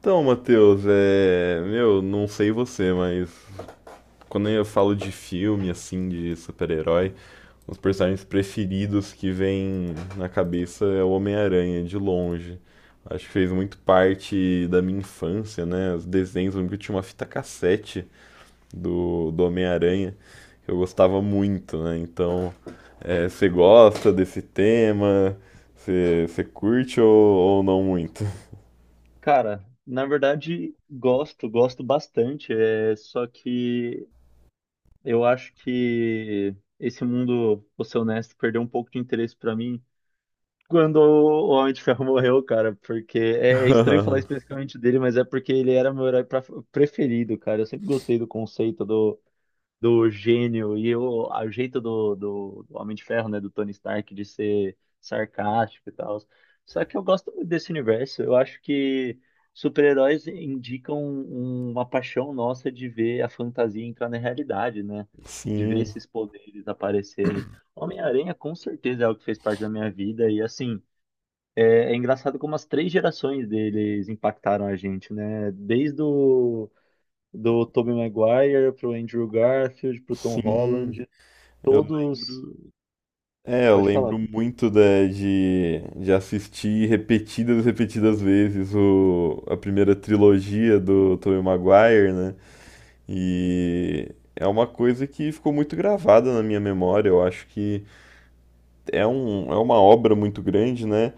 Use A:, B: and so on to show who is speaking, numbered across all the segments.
A: Então, Matheus, Meu, não sei você, mas quando eu falo de filme, assim, de super-herói, os personagens preferidos que vem na cabeça é o Homem-Aranha, de longe. Acho que fez muito parte da minha infância, né? Os desenhos, eu lembro que eu tinha uma fita cassete do Homem-Aranha, que eu gostava muito, né? Então, você gosta desse tema? Você curte ou não muito?
B: Cara, na verdade, gosto, gosto bastante. É, só que eu acho que esse mundo, vou ser honesto, perdeu um pouco de interesse pra mim quando o Homem de Ferro morreu, cara. Porque é, é estranho falar especificamente dele, mas é porque ele era meu preferido, cara. Eu sempre gostei do conceito do gênio e o jeito do Homem de Ferro, né, do Tony Stark, de ser sarcástico e tal. Só que eu gosto muito desse universo. Eu acho que super-heróis indicam uma paixão nossa de ver a fantasia entrar na realidade, né? De ver
A: Sim.
B: esses poderes aparecerem. Homem-Aranha com certeza é algo que fez parte da minha vida e assim. É, é engraçado como as três gerações deles impactaram a gente, né? Desde do Tobey Maguire pro Andrew Garfield, pro Tom
A: Sim,
B: Holland,
A: eu
B: todos.
A: lembro. Eu
B: Pode falar.
A: lembro
B: Cara.
A: muito de assistir repetidas vezes a primeira trilogia do Tobey Maguire, né? E é uma coisa que ficou muito gravada na minha memória. Eu acho que é uma obra muito grande, né?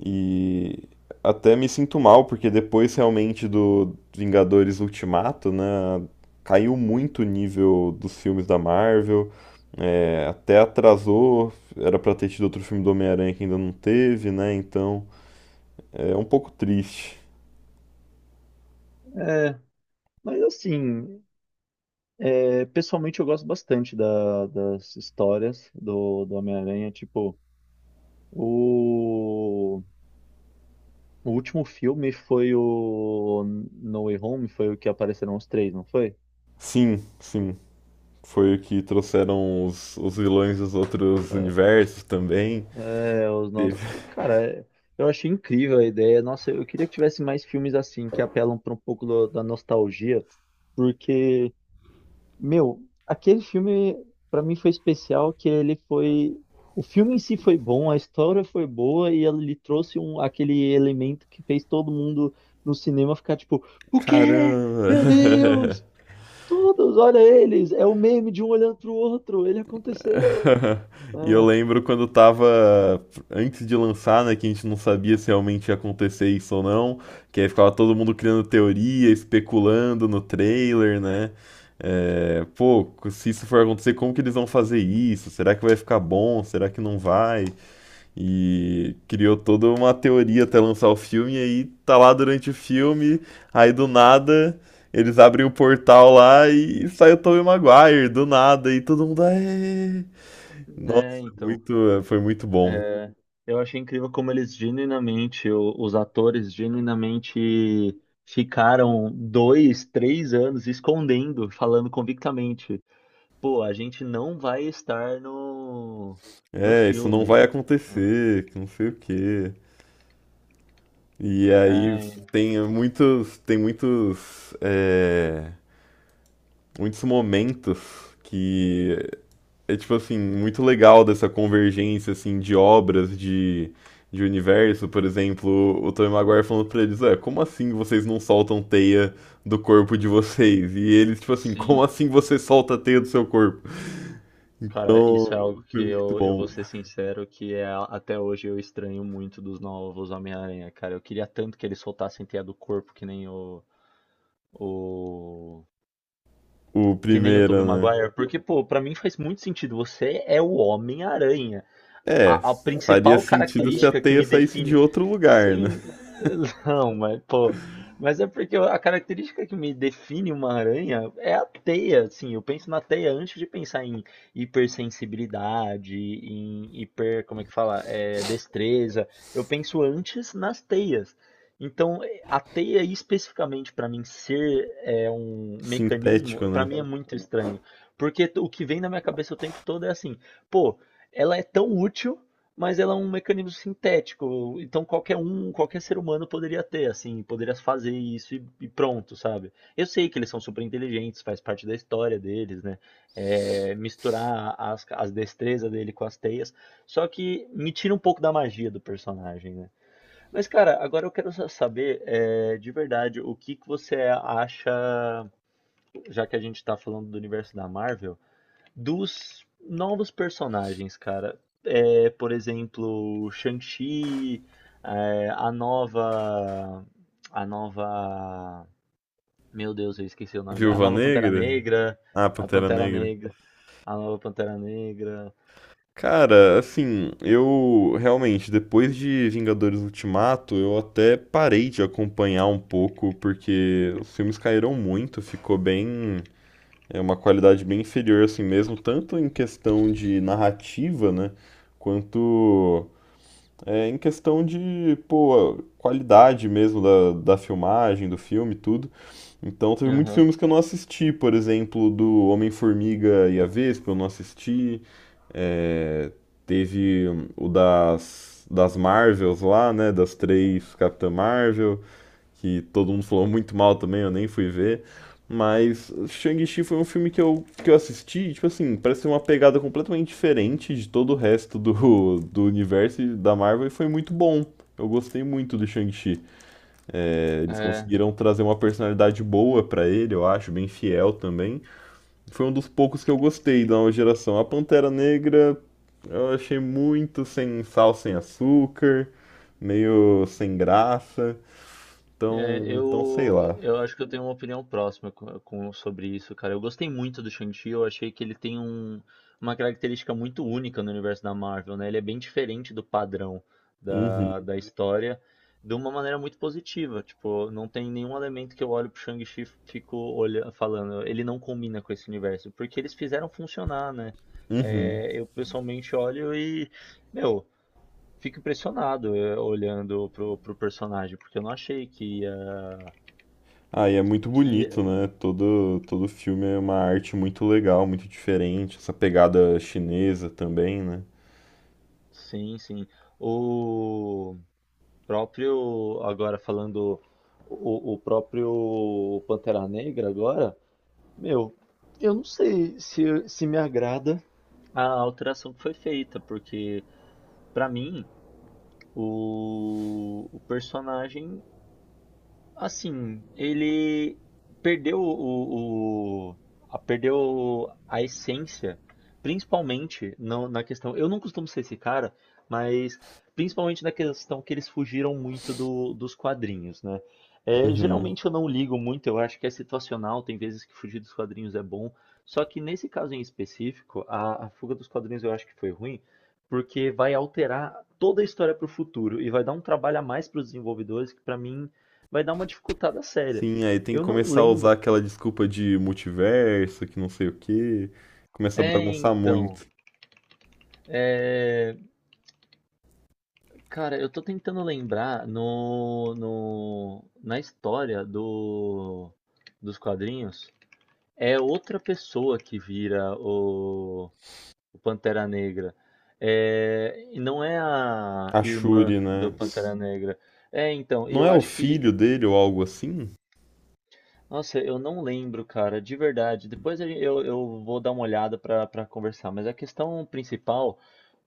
A: E até me sinto mal, porque depois realmente do Vingadores Ultimato, né, caiu muito o nível dos filmes da Marvel, até atrasou, era pra ter tido outro filme do Homem-Aranha que ainda não teve, né, então é um pouco triste.
B: É, mas assim, é, pessoalmente eu gosto bastante das histórias do Homem-Aranha. Tipo, o, o último filme foi o No Way Home, foi o que apareceram os três, não foi?
A: Sim, sim, foi o que trouxeram os vilões dos outros
B: É,
A: universos também.
B: é, os novos.
A: Teve-
B: Cara, é, eu achei incrível a ideia. Nossa, eu queria que tivesse mais filmes assim, que apelam para um pouco da nostalgia, porque meu, aquele filme pra mim foi especial que ele foi o filme em si foi bom, a história foi boa e ele trouxe um aquele elemento que fez todo mundo no cinema ficar tipo, o quê? Meu
A: Caramba!
B: Deus! Todos, olha eles, é o meme de um olhando pro outro, ele aconteceu.
A: E eu
B: É,
A: lembro quando tava antes de lançar, né, que a gente não sabia se realmente ia acontecer isso ou não, que aí ficava todo mundo criando teoria, especulando no trailer, né? É, pô, se isso for acontecer, como que eles vão fazer isso? Será que vai ficar bom? Será que não vai? E criou toda uma teoria até lançar o filme, e aí tá lá durante o filme, aí do nada eles abrem o portal lá e sai o Tobey Maguire, do nada, e todo mundo, "Aê!"
B: né,
A: Nossa,
B: então
A: muito, foi muito bom.
B: é, eu achei incrível como eles genuinamente, os atores genuinamente ficaram dois, três anos escondendo, falando convictamente, pô, a gente não vai estar no
A: É, isso não
B: filme.
A: vai acontecer, que não sei o quê. E aí
B: É,
A: tem muitos, muitos momentos que tipo assim, muito legal dessa convergência assim de obras de universo, por exemplo, o Tobey Maguire falando pra eles, como assim vocês não soltam teia do corpo de vocês? E eles tipo assim, como
B: sim,
A: assim você solta a teia do seu corpo?
B: cara, isso
A: Então,
B: é algo que
A: foi muito
B: eu
A: bom.
B: vou ser sincero, que é, até hoje eu estranho muito dos novos Homem-Aranha, cara. Eu queria tanto que eles soltassem teia do corpo, o
A: O
B: que nem o Tobey
A: primeiro, né?
B: Maguire. Porque, pô, pra mim faz muito sentido. Você é o Homem-Aranha
A: É,
B: a
A: faria
B: principal
A: sentido se a
B: característica que
A: teia
B: me
A: saísse de
B: define.
A: outro lugar, né?
B: Sim, não, mas pô. Mas é porque a característica que me define uma aranha é a teia, assim. Eu penso na teia antes de pensar em hipersensibilidade, em hiper, como é que fala? É, destreza. Eu penso antes nas teias. Então, a teia especificamente para mim ser é, um
A: Sintético,
B: mecanismo, para
A: né?
B: mim é muito estranho. Porque o que vem na minha cabeça o tempo todo é assim, pô, ela é tão útil, mas ela é um mecanismo sintético. Então qualquer um, qualquer ser humano poderia ter, assim, poderia fazer isso e pronto, sabe? Eu sei que eles são super inteligentes, faz parte da história deles, né? É, misturar as destrezas dele com as teias. Só que me tira um pouco da magia do personagem, né? Mas, cara, agora eu quero saber, é, de verdade, o que que você acha, já que a gente tá falando do universo da Marvel dos novos personagens, cara. É, por exemplo, Shang-Chi, é, a nova. A nova. Meu Deus, eu esqueci o nome dela. A
A: Viúva
B: nova Pantera
A: Negra?
B: Negra.
A: Ah,
B: A
A: Pantera
B: Pantera
A: Negra.
B: Negra. A nova Pantera Negra.
A: Cara, assim, eu realmente, depois de Vingadores Ultimato, eu até parei de acompanhar um pouco, porque os filmes caíram muito, ficou bem. É uma qualidade bem inferior, assim mesmo, tanto em questão de narrativa, né? Quanto em questão de, pô, qualidade mesmo da filmagem, do filme, tudo. Então, teve muitos
B: Aham.
A: filmes que eu não assisti, por exemplo, do Homem-Formiga e a Vespa, eu não assisti. É, teve o das Marvels lá, né, das três Capitã Marvel que todo mundo falou muito mal também, eu nem fui ver. Mas Shang-Chi foi um filme que eu assisti, tipo assim, parece ter uma pegada completamente diferente de todo o resto do universo e da Marvel e foi muito bom. Eu gostei muito do Shang-Chi. É, eles
B: É,
A: conseguiram trazer uma personalidade boa pra ele, eu acho, bem fiel também. Foi um dos poucos que eu gostei da nova geração. A Pantera Negra eu achei muito sem sal, sem açúcar, meio sem graça.
B: é,
A: Então, então sei lá.
B: eu acho que eu tenho uma opinião próxima sobre isso, cara. Eu gostei muito do Shang-Chi, eu achei que ele tem uma característica muito única no universo da Marvel, né? Ele é bem diferente do padrão
A: Uhum,
B: da história, de uma maneira muito positiva. Tipo, não tem nenhum elemento que eu olho pro Shang-Chi e fico olha, falando, ele não combina com esse universo, porque eles fizeram funcionar, né?
A: uhum.
B: É, eu pessoalmente olho e, meu, fico impressionado é, olhando pro personagem, porque eu não achei que
A: Ah, e é muito
B: que
A: bonito, né? Todo, todo filme é uma arte muito legal, muito diferente. Essa pegada chinesa também, né?
B: sim, sim. O próprio agora falando o próprio Pantera Negra agora, meu, eu não sei se se me agrada a alteração que foi feita, porque pra mim o personagem assim, ele perdeu perdeu a essência, principalmente na questão. Eu não costumo ser esse cara, mas principalmente na questão que eles fugiram muito dos quadrinhos, né? É,
A: Uhum.
B: geralmente eu não ligo muito, eu acho que é situacional, tem vezes que fugir dos quadrinhos é bom. Só que nesse caso em específico, a fuga dos quadrinhos eu acho que foi ruim, porque vai alterar toda a história para o futuro e vai dar um trabalho a mais para os desenvolvedores que para mim vai dar uma dificultada séria.
A: Sim, aí tem que
B: Eu não
A: começar a usar
B: lembro.
A: aquela desculpa de multiverso, que não sei o quê. Começa a
B: É,
A: bagunçar
B: então.
A: muito.
B: Cara, eu tô tentando lembrar no, no, na história dos quadrinhos. É outra pessoa que vira o Pantera Negra. É, e não é a
A: A
B: irmã
A: Shuri,
B: do
A: né? S-
B: Pantera Negra. É, então, e
A: Não
B: eu
A: é o
B: acho que
A: filho dele ou algo assim?
B: nossa, eu não lembro, cara, de verdade. Depois eu vou dar uma olhada pra conversar, mas a questão principal,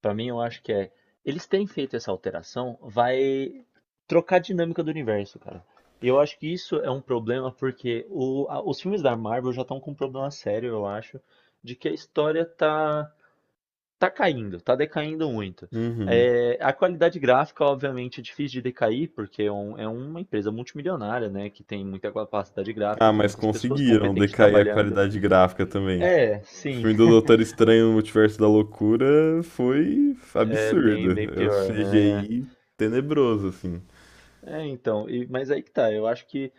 B: pra mim, eu acho que é, eles terem feito essa alteração vai trocar a dinâmica do universo, cara. E eu acho que isso é um problema porque os filmes da Marvel já estão com um problema sério, eu acho, de que a história tá tá caindo, tá decaindo muito.
A: Uhum.
B: É, a qualidade gráfica, obviamente, é difícil de decair, porque é, é uma empresa multimilionária, né? Que tem muita capacidade gráfica,
A: Ah,
B: tem
A: mas
B: muitas pessoas
A: conseguiram
B: competentes
A: decair a
B: trabalhando.
A: qualidade gráfica também.
B: É,
A: O
B: sim,
A: filme do Doutor Estranho no Multiverso da Loucura foi
B: é bem,
A: absurdo.
B: bem
A: É um
B: pior, né?
A: CGI tenebroso, assim.
B: É, então, mas aí que tá, eu acho que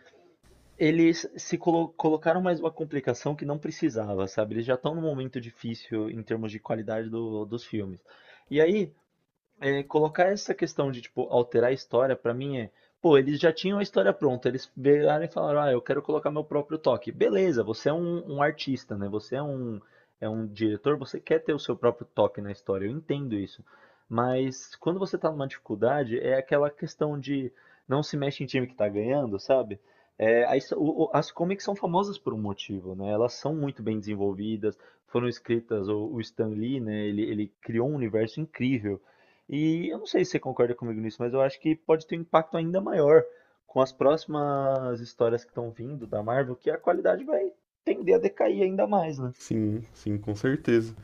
B: eles se colocaram mais uma complicação que não precisava, sabe? Eles já estão num momento difícil em termos de qualidade dos filmes. E aí, é, colocar essa questão de, tipo, alterar a história, pra mim é. Pô, eles já tinham a história pronta, eles viraram e falaram, ah, eu quero colocar meu próprio toque. Beleza, você é um, um artista, né? Você é um diretor, você quer ter o seu próprio toque na história, eu entendo isso. Mas quando você tá numa dificuldade, é aquela questão de não se mexe em time que tá ganhando, sabe? É, aí as comics são famosas por um motivo, né? Elas são muito bem desenvolvidas, foram escritas, o Stan Lee, né? Ele criou um universo incrível. E eu não sei se você concorda comigo nisso, mas eu acho que pode ter um impacto ainda maior com as próximas histórias que estão vindo da Marvel, que a qualidade vai tender a decair ainda mais, né?
A: Sim, sim, com certeza.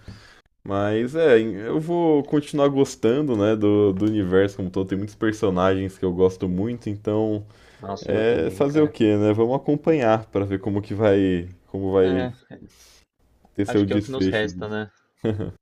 A: Mas é, eu vou continuar gostando, né, do universo como um todo. Tem muitos personagens que eu gosto muito, então
B: Nossa, eu
A: é
B: também,
A: fazer o
B: cara.
A: quê, né? Vamos acompanhar pra ver como que vai, como vai
B: É,
A: ter seu
B: acho que é o que nos
A: desfecho
B: resta,
A: disso.
B: né?